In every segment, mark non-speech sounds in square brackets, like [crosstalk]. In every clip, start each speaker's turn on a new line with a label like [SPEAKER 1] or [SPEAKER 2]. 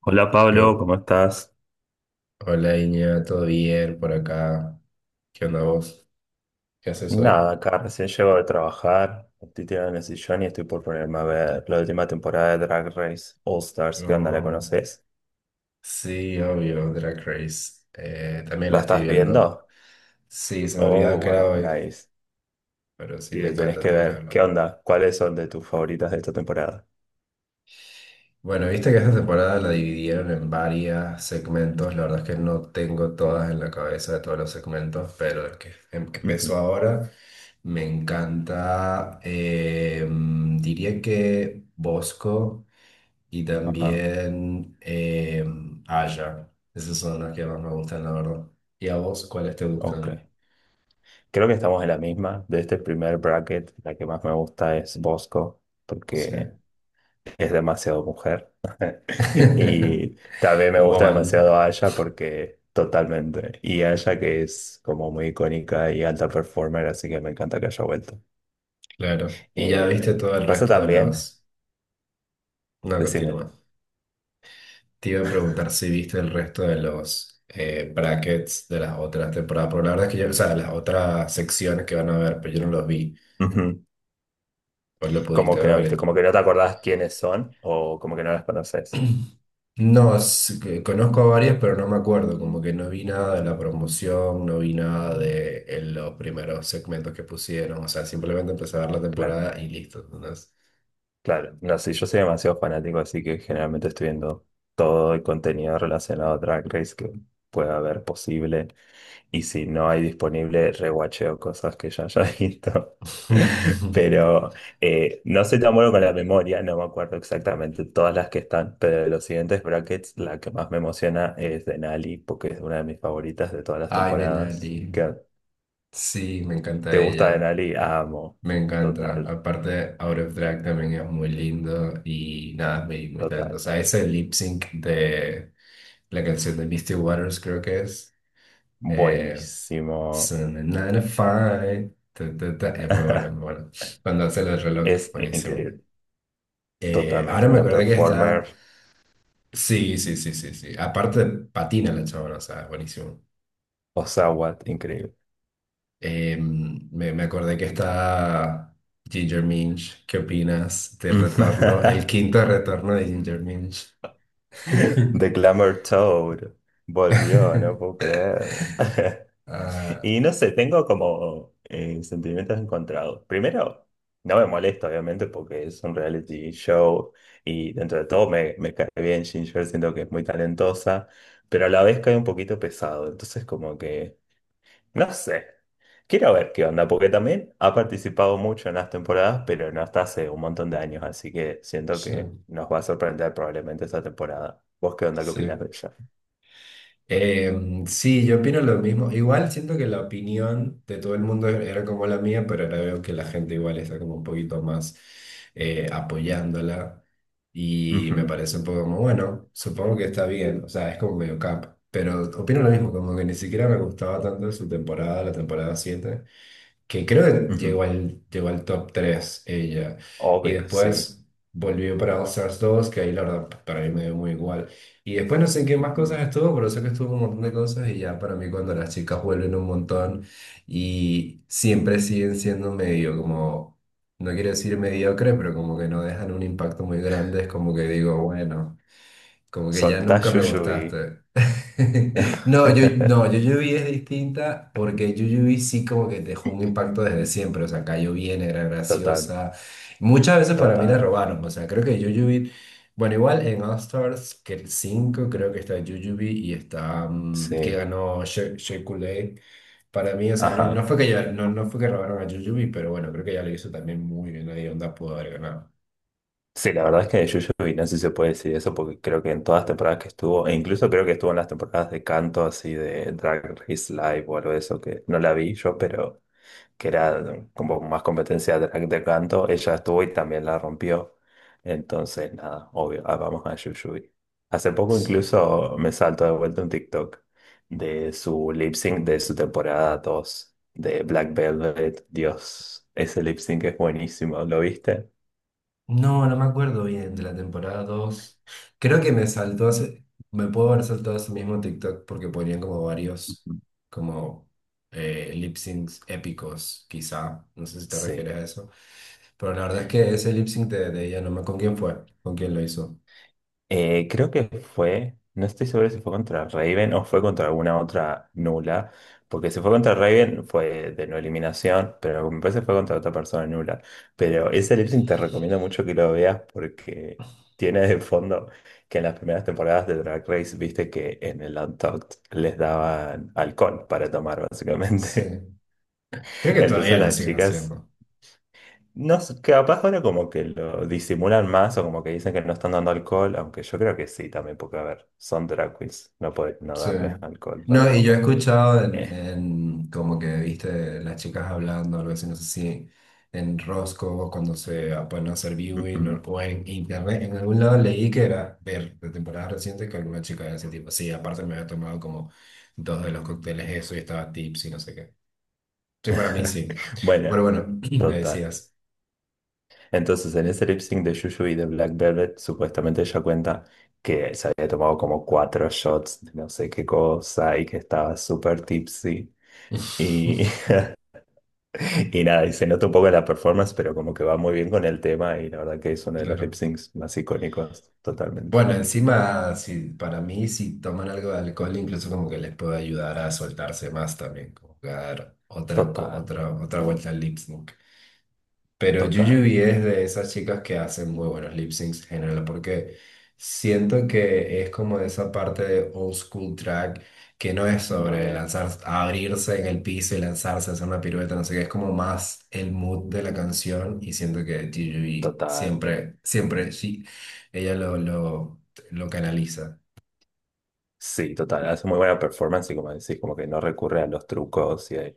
[SPEAKER 1] Hola Pablo,
[SPEAKER 2] Yo,
[SPEAKER 1] ¿cómo estás?
[SPEAKER 2] hola Iña, ¿todo bien por acá? ¿Qué onda vos? ¿Qué haces hoy?
[SPEAKER 1] Nada, acá recién llego de trabajar, estoy tirado en el sillón y estoy por ponerme a ver la última temporada de Drag Race All Stars. ¿Qué onda? ¿La
[SPEAKER 2] No.
[SPEAKER 1] conoces?
[SPEAKER 2] Sí, obvio, Drag Race. También la
[SPEAKER 1] ¿La
[SPEAKER 2] estoy
[SPEAKER 1] estás
[SPEAKER 2] viendo.
[SPEAKER 1] viendo?
[SPEAKER 2] Sí, se me olvidaba
[SPEAKER 1] Oh,
[SPEAKER 2] que era
[SPEAKER 1] wow,
[SPEAKER 2] hoy,
[SPEAKER 1] nice.
[SPEAKER 2] pero sí,
[SPEAKER 1] Y
[SPEAKER 2] me
[SPEAKER 1] lo tenés
[SPEAKER 2] encanta,
[SPEAKER 1] que
[SPEAKER 2] tengo que
[SPEAKER 1] ver. ¿Qué
[SPEAKER 2] verla.
[SPEAKER 1] onda? ¿Cuáles son de tus favoritas de esta temporada?
[SPEAKER 2] Bueno, viste que esta temporada la dividieron en varios segmentos. La verdad es que no tengo
[SPEAKER 1] Sí.
[SPEAKER 2] todas en la cabeza de todos los segmentos, pero el que
[SPEAKER 1] Ujú.
[SPEAKER 2] empezó ahora me encanta. Diría que Bosco y
[SPEAKER 1] Ajá,
[SPEAKER 2] también Aya. Esas son las que más me gustan, la verdad. ¿Y a vos cuáles te
[SPEAKER 1] ok.
[SPEAKER 2] gustan?
[SPEAKER 1] Creo que estamos en la misma. De este primer bracket, la que más me gusta es Bosco,
[SPEAKER 2] Sí.
[SPEAKER 1] porque es demasiado mujer. [laughs]
[SPEAKER 2] [laughs]
[SPEAKER 1] Y también me gusta
[SPEAKER 2] Woman,
[SPEAKER 1] demasiado Aya porque totalmente. Y Aya que es como muy icónica y alta performer, así que me encanta que haya vuelto.
[SPEAKER 2] claro. Y ya viste
[SPEAKER 1] Eh,
[SPEAKER 2] todo el
[SPEAKER 1] pasa
[SPEAKER 2] resto de
[SPEAKER 1] también,
[SPEAKER 2] los... No,
[SPEAKER 1] decime,
[SPEAKER 2] continúa. Te iba a preguntar si viste el resto de los brackets de las otras temporadas, pero la verdad es que yo, o sea, las otras secciones que van a ver, pero yo no los vi.
[SPEAKER 1] ujú.
[SPEAKER 2] ¿Vos lo
[SPEAKER 1] Como
[SPEAKER 2] pudiste
[SPEAKER 1] que no viste,
[SPEAKER 2] ver?
[SPEAKER 1] como que no te acordás quiénes son o como que no las conoces.
[SPEAKER 2] [clears throat] No, es que conozco a varias, pero no me acuerdo, como que no vi nada de la promoción, no vi nada de los primeros segmentos que pusieron, o sea, simplemente empecé a ver la
[SPEAKER 1] Claro,
[SPEAKER 2] temporada y listo. Entonces.
[SPEAKER 1] claro. No sé, yo soy demasiado fanático, así que generalmente estoy viendo todo el contenido relacionado a Drag Race que pueda haber posible. Y si no hay disponible, rewatcheo cosas que ya haya [laughs] visto.
[SPEAKER 2] [laughs]
[SPEAKER 1] Pero no soy tan bueno con la memoria, no me acuerdo exactamente todas las que están, pero de los siguientes brackets, la que más me emociona es Denali, porque es una de mis favoritas de todas las
[SPEAKER 2] Ay, de Nati.
[SPEAKER 1] temporadas. ¿Qué-
[SPEAKER 2] Sí, me encanta
[SPEAKER 1] ¿Te gusta
[SPEAKER 2] ella.
[SPEAKER 1] Denali? Amo.
[SPEAKER 2] Me encanta.
[SPEAKER 1] Total,
[SPEAKER 2] Aparte, Out of Drag también es muy lindo y nada, muy, muy
[SPEAKER 1] total.
[SPEAKER 2] talentosa. Ese lip sync de la canción de Misty Waters, creo que es. Eh,
[SPEAKER 1] Buenísimo.
[SPEAKER 2] Fine. Es muy bueno, muy
[SPEAKER 1] [laughs]
[SPEAKER 2] bueno. Cuando hace el reloj,
[SPEAKER 1] Es
[SPEAKER 2] buenísimo.
[SPEAKER 1] increíble. Totalmente.
[SPEAKER 2] Ahora me
[SPEAKER 1] Una
[SPEAKER 2] acordé que está.
[SPEAKER 1] performer.
[SPEAKER 2] Sí, sí, sí, sí, sí. Aparte, patina la chabona, o sea, buenísimo.
[SPEAKER 1] Osawa, increíble.
[SPEAKER 2] Me acordé que está Ginger Minch. ¿Qué opinas del retorno, el
[SPEAKER 1] [laughs]
[SPEAKER 2] quinto retorno de Ginger Minch?
[SPEAKER 1] [laughs] The Glamour Toad volvió, no puedo
[SPEAKER 2] [laughs]
[SPEAKER 1] creer. [laughs]
[SPEAKER 2] Ah,
[SPEAKER 1] Y no sé, tengo como sentimientos encontrados. Primero, no me molesta, obviamente, porque es un reality show y dentro de todo me, cae bien Ginger, siento que es muy talentosa, pero a la vez cae un poquito pesado. Entonces, como que no sé. Quiero ver qué onda, porque también ha participado mucho en las temporadas, pero no hasta hace un montón de años, así que siento
[SPEAKER 2] sí,
[SPEAKER 1] que nos va a sorprender probablemente esta temporada. ¿Vos qué onda, qué opinás de
[SPEAKER 2] sí.
[SPEAKER 1] ella?
[SPEAKER 2] Sí, yo opino lo mismo. Igual siento que la opinión de todo el mundo era como la mía, pero ahora veo que la gente igual está como un poquito más apoyándola y me
[SPEAKER 1] Ujú,
[SPEAKER 2] parece un poco como, bueno, supongo que está bien, o sea, es como medio cap, pero opino lo mismo, como que ni siquiera me gustaba tanto su temporada, la temporada 7, que creo que
[SPEAKER 1] ujú.
[SPEAKER 2] llegó al top 3 ella. Y
[SPEAKER 1] Obvio, sí.
[SPEAKER 2] después volvió para All Stars 2, que ahí la verdad para mí me dio muy igual. Y después no sé en qué más cosas
[SPEAKER 1] Ujú.
[SPEAKER 2] estuvo, pero sé que estuvo en un montón de cosas y ya para mí cuando las chicas vuelven un montón y siempre siguen siendo medio como, no quiero decir mediocre, pero como que no dejan un impacto muy grande, es como que digo, bueno. Como que ya
[SPEAKER 1] Soltá
[SPEAKER 2] nunca me
[SPEAKER 1] Yuyuy.
[SPEAKER 2] gustaste. [laughs] No, yo, no,
[SPEAKER 1] [laughs]
[SPEAKER 2] Yuyubi es distinta porque Yuyubi sí como que dejó un impacto desde siempre. O sea, cayó bien, era
[SPEAKER 1] Total,
[SPEAKER 2] graciosa. Muchas veces para mí la
[SPEAKER 1] total.
[SPEAKER 2] robaron. O sea, creo que Yuyubi... Bueno, igual en All Stars, que el 5 creo que está Yuyubi y está... mm, que
[SPEAKER 1] Sí,
[SPEAKER 2] ganó Shea Shea Coulee. Para mí, o sea, no, no
[SPEAKER 1] ajá.
[SPEAKER 2] fue no, no fue que robaron a Yuyubi, pero bueno, creo que ya lo hizo también muy bien. Nadie onda pudo haber ganado.
[SPEAKER 1] Sí, la verdad es que de Yuyuy no sé si se puede decir eso, porque creo que en todas las temporadas que estuvo, e incluso creo que estuvo en las temporadas de canto así de Drag Race Live o algo de eso, que no la vi yo, pero que era como más competencia de, canto, ella estuvo y también la rompió. Entonces, nada, obvio, ah, vamos a Yuyuy. Hace poco
[SPEAKER 2] Sí.
[SPEAKER 1] incluso me salto de vuelta un TikTok de su lip sync de su temporada 2 de Black Velvet. Dios, ese lip sync es buenísimo, ¿lo viste?
[SPEAKER 2] No, no me acuerdo bien de la temporada dos. Creo que me me puedo haber saltado ese mismo TikTok porque ponían como varios, como lip syncs épicos, quizá. No sé si te
[SPEAKER 1] Sí.
[SPEAKER 2] refieres a eso. Pero la verdad es que ese lip sync de ella, no me con quién fue, con quién lo hizo.
[SPEAKER 1] Creo que fue, no estoy seguro si fue contra Raven o fue contra alguna otra nula, porque si fue contra Raven fue de no eliminación, pero me parece que fue contra otra persona nula. Pero ese lip sync te recomiendo mucho que lo veas porque tiene de fondo que en las primeras temporadas de Drag Race viste que en el Untucked les daban alcohol para tomar
[SPEAKER 2] Sí.
[SPEAKER 1] básicamente.
[SPEAKER 2] Creo
[SPEAKER 1] [laughs]
[SPEAKER 2] que todavía
[SPEAKER 1] Entonces
[SPEAKER 2] lo
[SPEAKER 1] las
[SPEAKER 2] siguen
[SPEAKER 1] chicas
[SPEAKER 2] haciendo.
[SPEAKER 1] no sé, capaz ahora como que lo disimulan más o como que dicen que no están dando alcohol, aunque yo creo que sí también, porque a ver, son drag queens, no pueden no
[SPEAKER 2] Sí.
[SPEAKER 1] darles alcohol para
[SPEAKER 2] No, y yo he
[SPEAKER 1] tomar.
[SPEAKER 2] escuchado
[SPEAKER 1] Eh,
[SPEAKER 2] en como que viste las chicas hablando, algo así, no sé si en Rosco cuando se ponen a hacer viewing
[SPEAKER 1] ujú.
[SPEAKER 2] o en internet, en algún lado leí que era ver de temporada reciente que alguna chica de ese tipo, sí, aparte me había tomado como dos de los cócteles eso y estaba tips y no sé qué. Sí, para mí
[SPEAKER 1] [laughs]
[SPEAKER 2] sí.
[SPEAKER 1] Bueno,
[SPEAKER 2] Pero bueno, [clears throat] me
[SPEAKER 1] total.
[SPEAKER 2] decías.
[SPEAKER 1] Entonces en ese lip sync de Juju y de Black Velvet, supuestamente ella cuenta que se había tomado como 4 shots de no sé qué cosa y que estaba súper tipsy. Y
[SPEAKER 2] [laughs]
[SPEAKER 1] Nada, y se nota un poco la performance, pero como que va muy bien con el tema y la verdad que es uno de los lip
[SPEAKER 2] Claro.
[SPEAKER 1] syncs más icónicos, totalmente.
[SPEAKER 2] Bueno, encima, si, para mí, si toman algo de alcohol, incluso como que les puede ayudar a soltarse más también, como que a dar
[SPEAKER 1] Total,
[SPEAKER 2] otra, otra vuelta al lip sync. Pero
[SPEAKER 1] total,
[SPEAKER 2] Yuyubi es de esas chicas que hacen muy buenos lip syncs en general, porque siento que es como de esa parte de old school track que no es sobre
[SPEAKER 1] re,
[SPEAKER 2] lanzar, abrirse en el piso y lanzarse, hacer una pirueta, no sé qué, es como más el mood de la canción y siento que Yuyubi
[SPEAKER 1] total.
[SPEAKER 2] siempre, siempre, sí, ella lo, lo, lo canaliza.
[SPEAKER 1] Sí, total, hace muy buena performance y como decís, como que no recurre a los trucos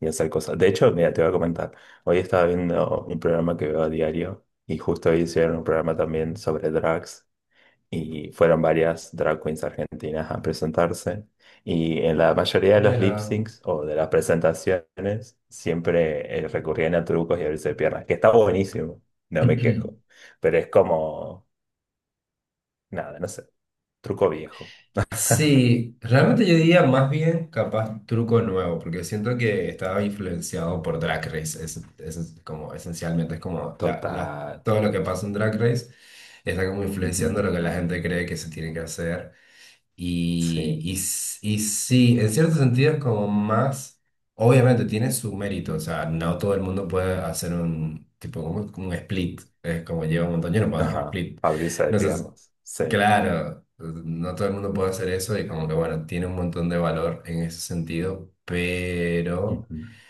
[SPEAKER 1] y a hacer cosas. De hecho, mira, te voy a comentar, hoy estaba viendo un programa que veo a diario y justo hoy hicieron un programa también sobre drags. Y fueron varias drag queens argentinas a presentarse. Y en la mayoría de los lip
[SPEAKER 2] Mira.
[SPEAKER 1] syncs o de las presentaciones siempre recurrían a trucos y abrirse de piernas, que está buenísimo, no me quejo.
[SPEAKER 2] [clears throat]
[SPEAKER 1] Pero es como, nada, no sé, truco viejo,
[SPEAKER 2] Sí, realmente yo diría más bien capaz truco nuevo, porque siento que estaba influenciado por Drag Race. Es como esencialmente es como
[SPEAKER 1] total.
[SPEAKER 2] todo lo que pasa en Drag Race está como influenciando
[SPEAKER 1] Ujú.
[SPEAKER 2] lo que la gente cree que se tiene que hacer.
[SPEAKER 1] Sí,
[SPEAKER 2] Y sí, en cierto sentido es como más, obviamente tiene su mérito, o sea, no todo el mundo puede hacer un tipo como, como un split, es como lleva un montón, yo no puedo hacer un
[SPEAKER 1] ajá,
[SPEAKER 2] split.
[SPEAKER 1] abrirse de
[SPEAKER 2] No sé, si
[SPEAKER 1] piernas, sí.
[SPEAKER 2] claro, pues, no todo el mundo puede hacer eso y como que bueno, tiene un montón de valor en ese sentido, pero
[SPEAKER 1] Ujú.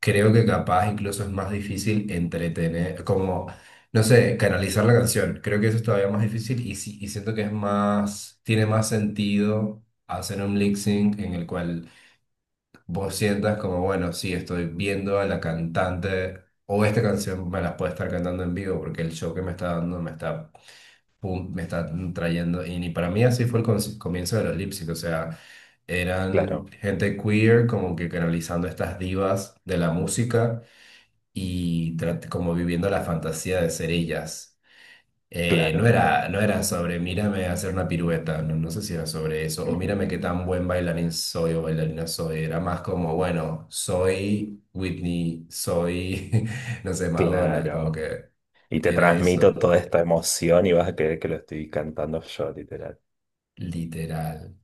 [SPEAKER 2] creo que capaz incluso es más difícil entretener, como, no sé, canalizar la canción. Creo que eso es todavía más difícil y siento que es más, tiene más sentido hacer un lip sync en el cual vos sientas como, bueno, sí, estoy viendo a la cantante o esta canción me la puede estar cantando en vivo porque el show que me está dando me está pum, me está trayendo. Y ni para mí así fue el comienzo de los Lipstick, o sea, eran
[SPEAKER 1] Claro,
[SPEAKER 2] gente queer como que canalizando estas divas de la música y como viviendo la fantasía de ser ellas. No
[SPEAKER 1] claro,
[SPEAKER 2] era, no era sobre mírame hacer una pirueta, no, no sé si era sobre eso, o mírame qué
[SPEAKER 1] ujú,
[SPEAKER 2] tan buen bailarín soy o bailarina soy, era más como, bueno, soy Whitney, soy, [laughs] no sé, Madonna, como
[SPEAKER 1] claro.
[SPEAKER 2] que
[SPEAKER 1] Y te
[SPEAKER 2] era
[SPEAKER 1] transmito
[SPEAKER 2] eso,
[SPEAKER 1] toda esta emoción y vas a creer que lo estoy cantando yo.
[SPEAKER 2] literal.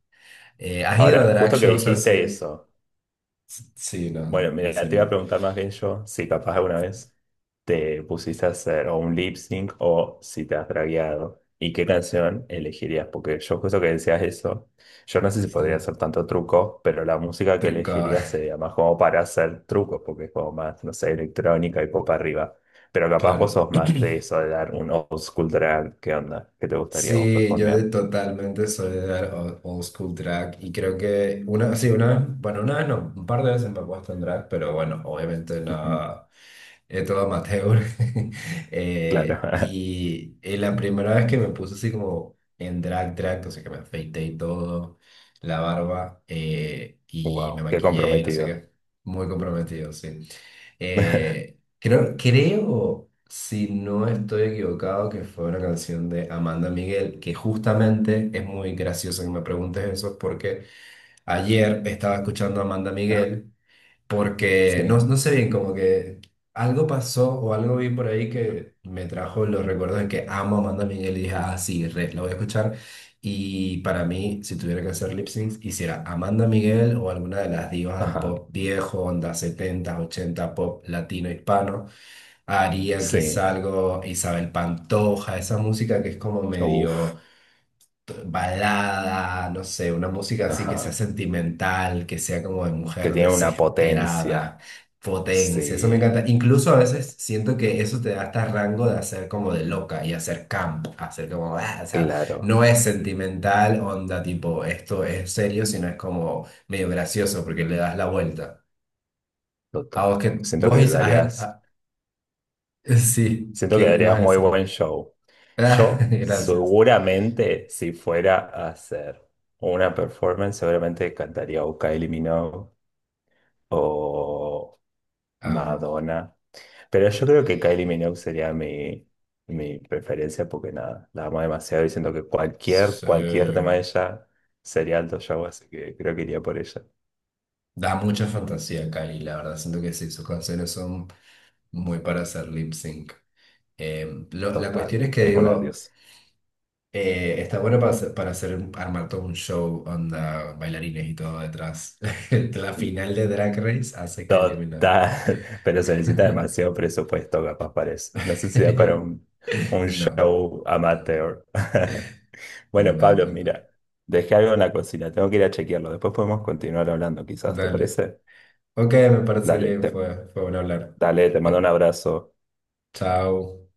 [SPEAKER 2] ¿Has ido a
[SPEAKER 1] Ahora,
[SPEAKER 2] drag
[SPEAKER 1] justo que
[SPEAKER 2] shows así?
[SPEAKER 1] dijiste eso,
[SPEAKER 2] Sí, no,
[SPEAKER 1] bueno, mira, te iba a
[SPEAKER 2] decime.
[SPEAKER 1] preguntar más bien yo si capaz alguna vez te pusiste a hacer o un lip sync o si te has dragueado y qué canción elegirías, porque yo justo que decías eso, yo no sé si
[SPEAKER 2] Sí,
[SPEAKER 1] podría hacer tanto truco, pero la música que
[SPEAKER 2] truco,
[SPEAKER 1] elegirías sería más como para hacer trucos, porque es como más, no sé, electrónica y pop arriba, pero
[SPEAKER 2] [laughs]
[SPEAKER 1] capaz vos
[SPEAKER 2] claro.
[SPEAKER 1] sos más de
[SPEAKER 2] [clears throat]
[SPEAKER 1] eso, de dar un old school drag. ¿Qué onda? ¿Qué te gustaría vos
[SPEAKER 2] Sí,
[SPEAKER 1] performear?
[SPEAKER 2] totalmente soy de dar old school drag y creo que una, sí, una, bueno, una vez no, un par de veces me he puesto en drag, pero bueno, obviamente
[SPEAKER 1] Ujú.
[SPEAKER 2] no. Es todo amateur. [laughs]
[SPEAKER 1] Claro, [laughs]
[SPEAKER 2] Y la primera vez que me puse así como en drag, drag, o sea que me afeité y todo, la barba, y me
[SPEAKER 1] wow, qué
[SPEAKER 2] maquillé, y no sé
[SPEAKER 1] comprometido.
[SPEAKER 2] qué, muy comprometido, sí.
[SPEAKER 1] [laughs]
[SPEAKER 2] Creo, si no estoy equivocado, que fue una canción de Amanda Miguel, que justamente es muy gracioso que me preguntes eso, porque ayer estaba escuchando a Amanda Miguel porque no,
[SPEAKER 1] Sí,
[SPEAKER 2] no sé bien, como que algo pasó o algo vi por ahí que me trajo los recuerdos de que amo a Amanda Miguel y dije, ah, sí, re, la voy a escuchar. Y para mí, si tuviera que hacer lip syncs, hiciera Amanda Miguel o alguna de las divas del
[SPEAKER 1] ajá,
[SPEAKER 2] pop viejo, onda 70 80 pop latino, hispano. Haría
[SPEAKER 1] sí,
[SPEAKER 2] quizá algo Isabel Pantoja, esa música que es como medio
[SPEAKER 1] uff,
[SPEAKER 2] balada, no sé, una música así que sea
[SPEAKER 1] ajá,
[SPEAKER 2] sentimental, que sea como de
[SPEAKER 1] que
[SPEAKER 2] mujer
[SPEAKER 1] tiene una
[SPEAKER 2] desesperada,
[SPEAKER 1] potencia,
[SPEAKER 2] potencia, eso me
[SPEAKER 1] sí,
[SPEAKER 2] encanta. Incluso a veces siento que eso te da hasta rango de hacer como de loca y hacer camp, hacer como, ah, o sea,
[SPEAKER 1] claro,
[SPEAKER 2] no es sentimental, onda tipo, esto es serio, sino es como medio gracioso porque le das la vuelta. A
[SPEAKER 1] total.
[SPEAKER 2] vos que vos is- ah, ah, [laughs] sí,
[SPEAKER 1] Siento
[SPEAKER 2] ¿qué
[SPEAKER 1] que
[SPEAKER 2] ibas a
[SPEAKER 1] darías muy
[SPEAKER 2] decir?
[SPEAKER 1] buen show.
[SPEAKER 2] [laughs] Ah,
[SPEAKER 1] Yo
[SPEAKER 2] gracias.
[SPEAKER 1] seguramente, si fuera a hacer una performance, seguramente cantaría o Kylie Minogue o
[SPEAKER 2] Amo.
[SPEAKER 1] Madonna. Pero yo creo que Kylie Minogue sería mi preferencia porque nada, la amo demasiado y siento que
[SPEAKER 2] Sí.
[SPEAKER 1] cualquier tema de ella sería alto show, así que creo que iría por ella.
[SPEAKER 2] Da mucha fantasía, Cari, la verdad. Siento que sí, sus canciones son muy para hacer lip sync. La
[SPEAKER 1] Total,
[SPEAKER 2] cuestión es que
[SPEAKER 1] es una
[SPEAKER 2] digo,
[SPEAKER 1] diosa.
[SPEAKER 2] está bueno para hacer, para armar todo un show, onda, bailarines y todo detrás. [laughs] La final de Drag Race hace que eliminado.
[SPEAKER 1] Total, [laughs] pero se necesita
[SPEAKER 2] [laughs]
[SPEAKER 1] demasiado presupuesto, capaz parece. No sé si da para un
[SPEAKER 2] No,
[SPEAKER 1] show amateur. [laughs]
[SPEAKER 2] no,
[SPEAKER 1] Bueno,
[SPEAKER 2] no,
[SPEAKER 1] Pablo,
[SPEAKER 2] no, no.
[SPEAKER 1] mira, dejé algo en la cocina, tengo que ir a chequearlo. Después podemos continuar hablando, quizás, ¿te
[SPEAKER 2] Dale.
[SPEAKER 1] parece?
[SPEAKER 2] Ok, me parece
[SPEAKER 1] Dale,
[SPEAKER 2] bien,
[SPEAKER 1] te,
[SPEAKER 2] fue, fue bueno hablar.
[SPEAKER 1] dale, te mando un abrazo.
[SPEAKER 2] Chao.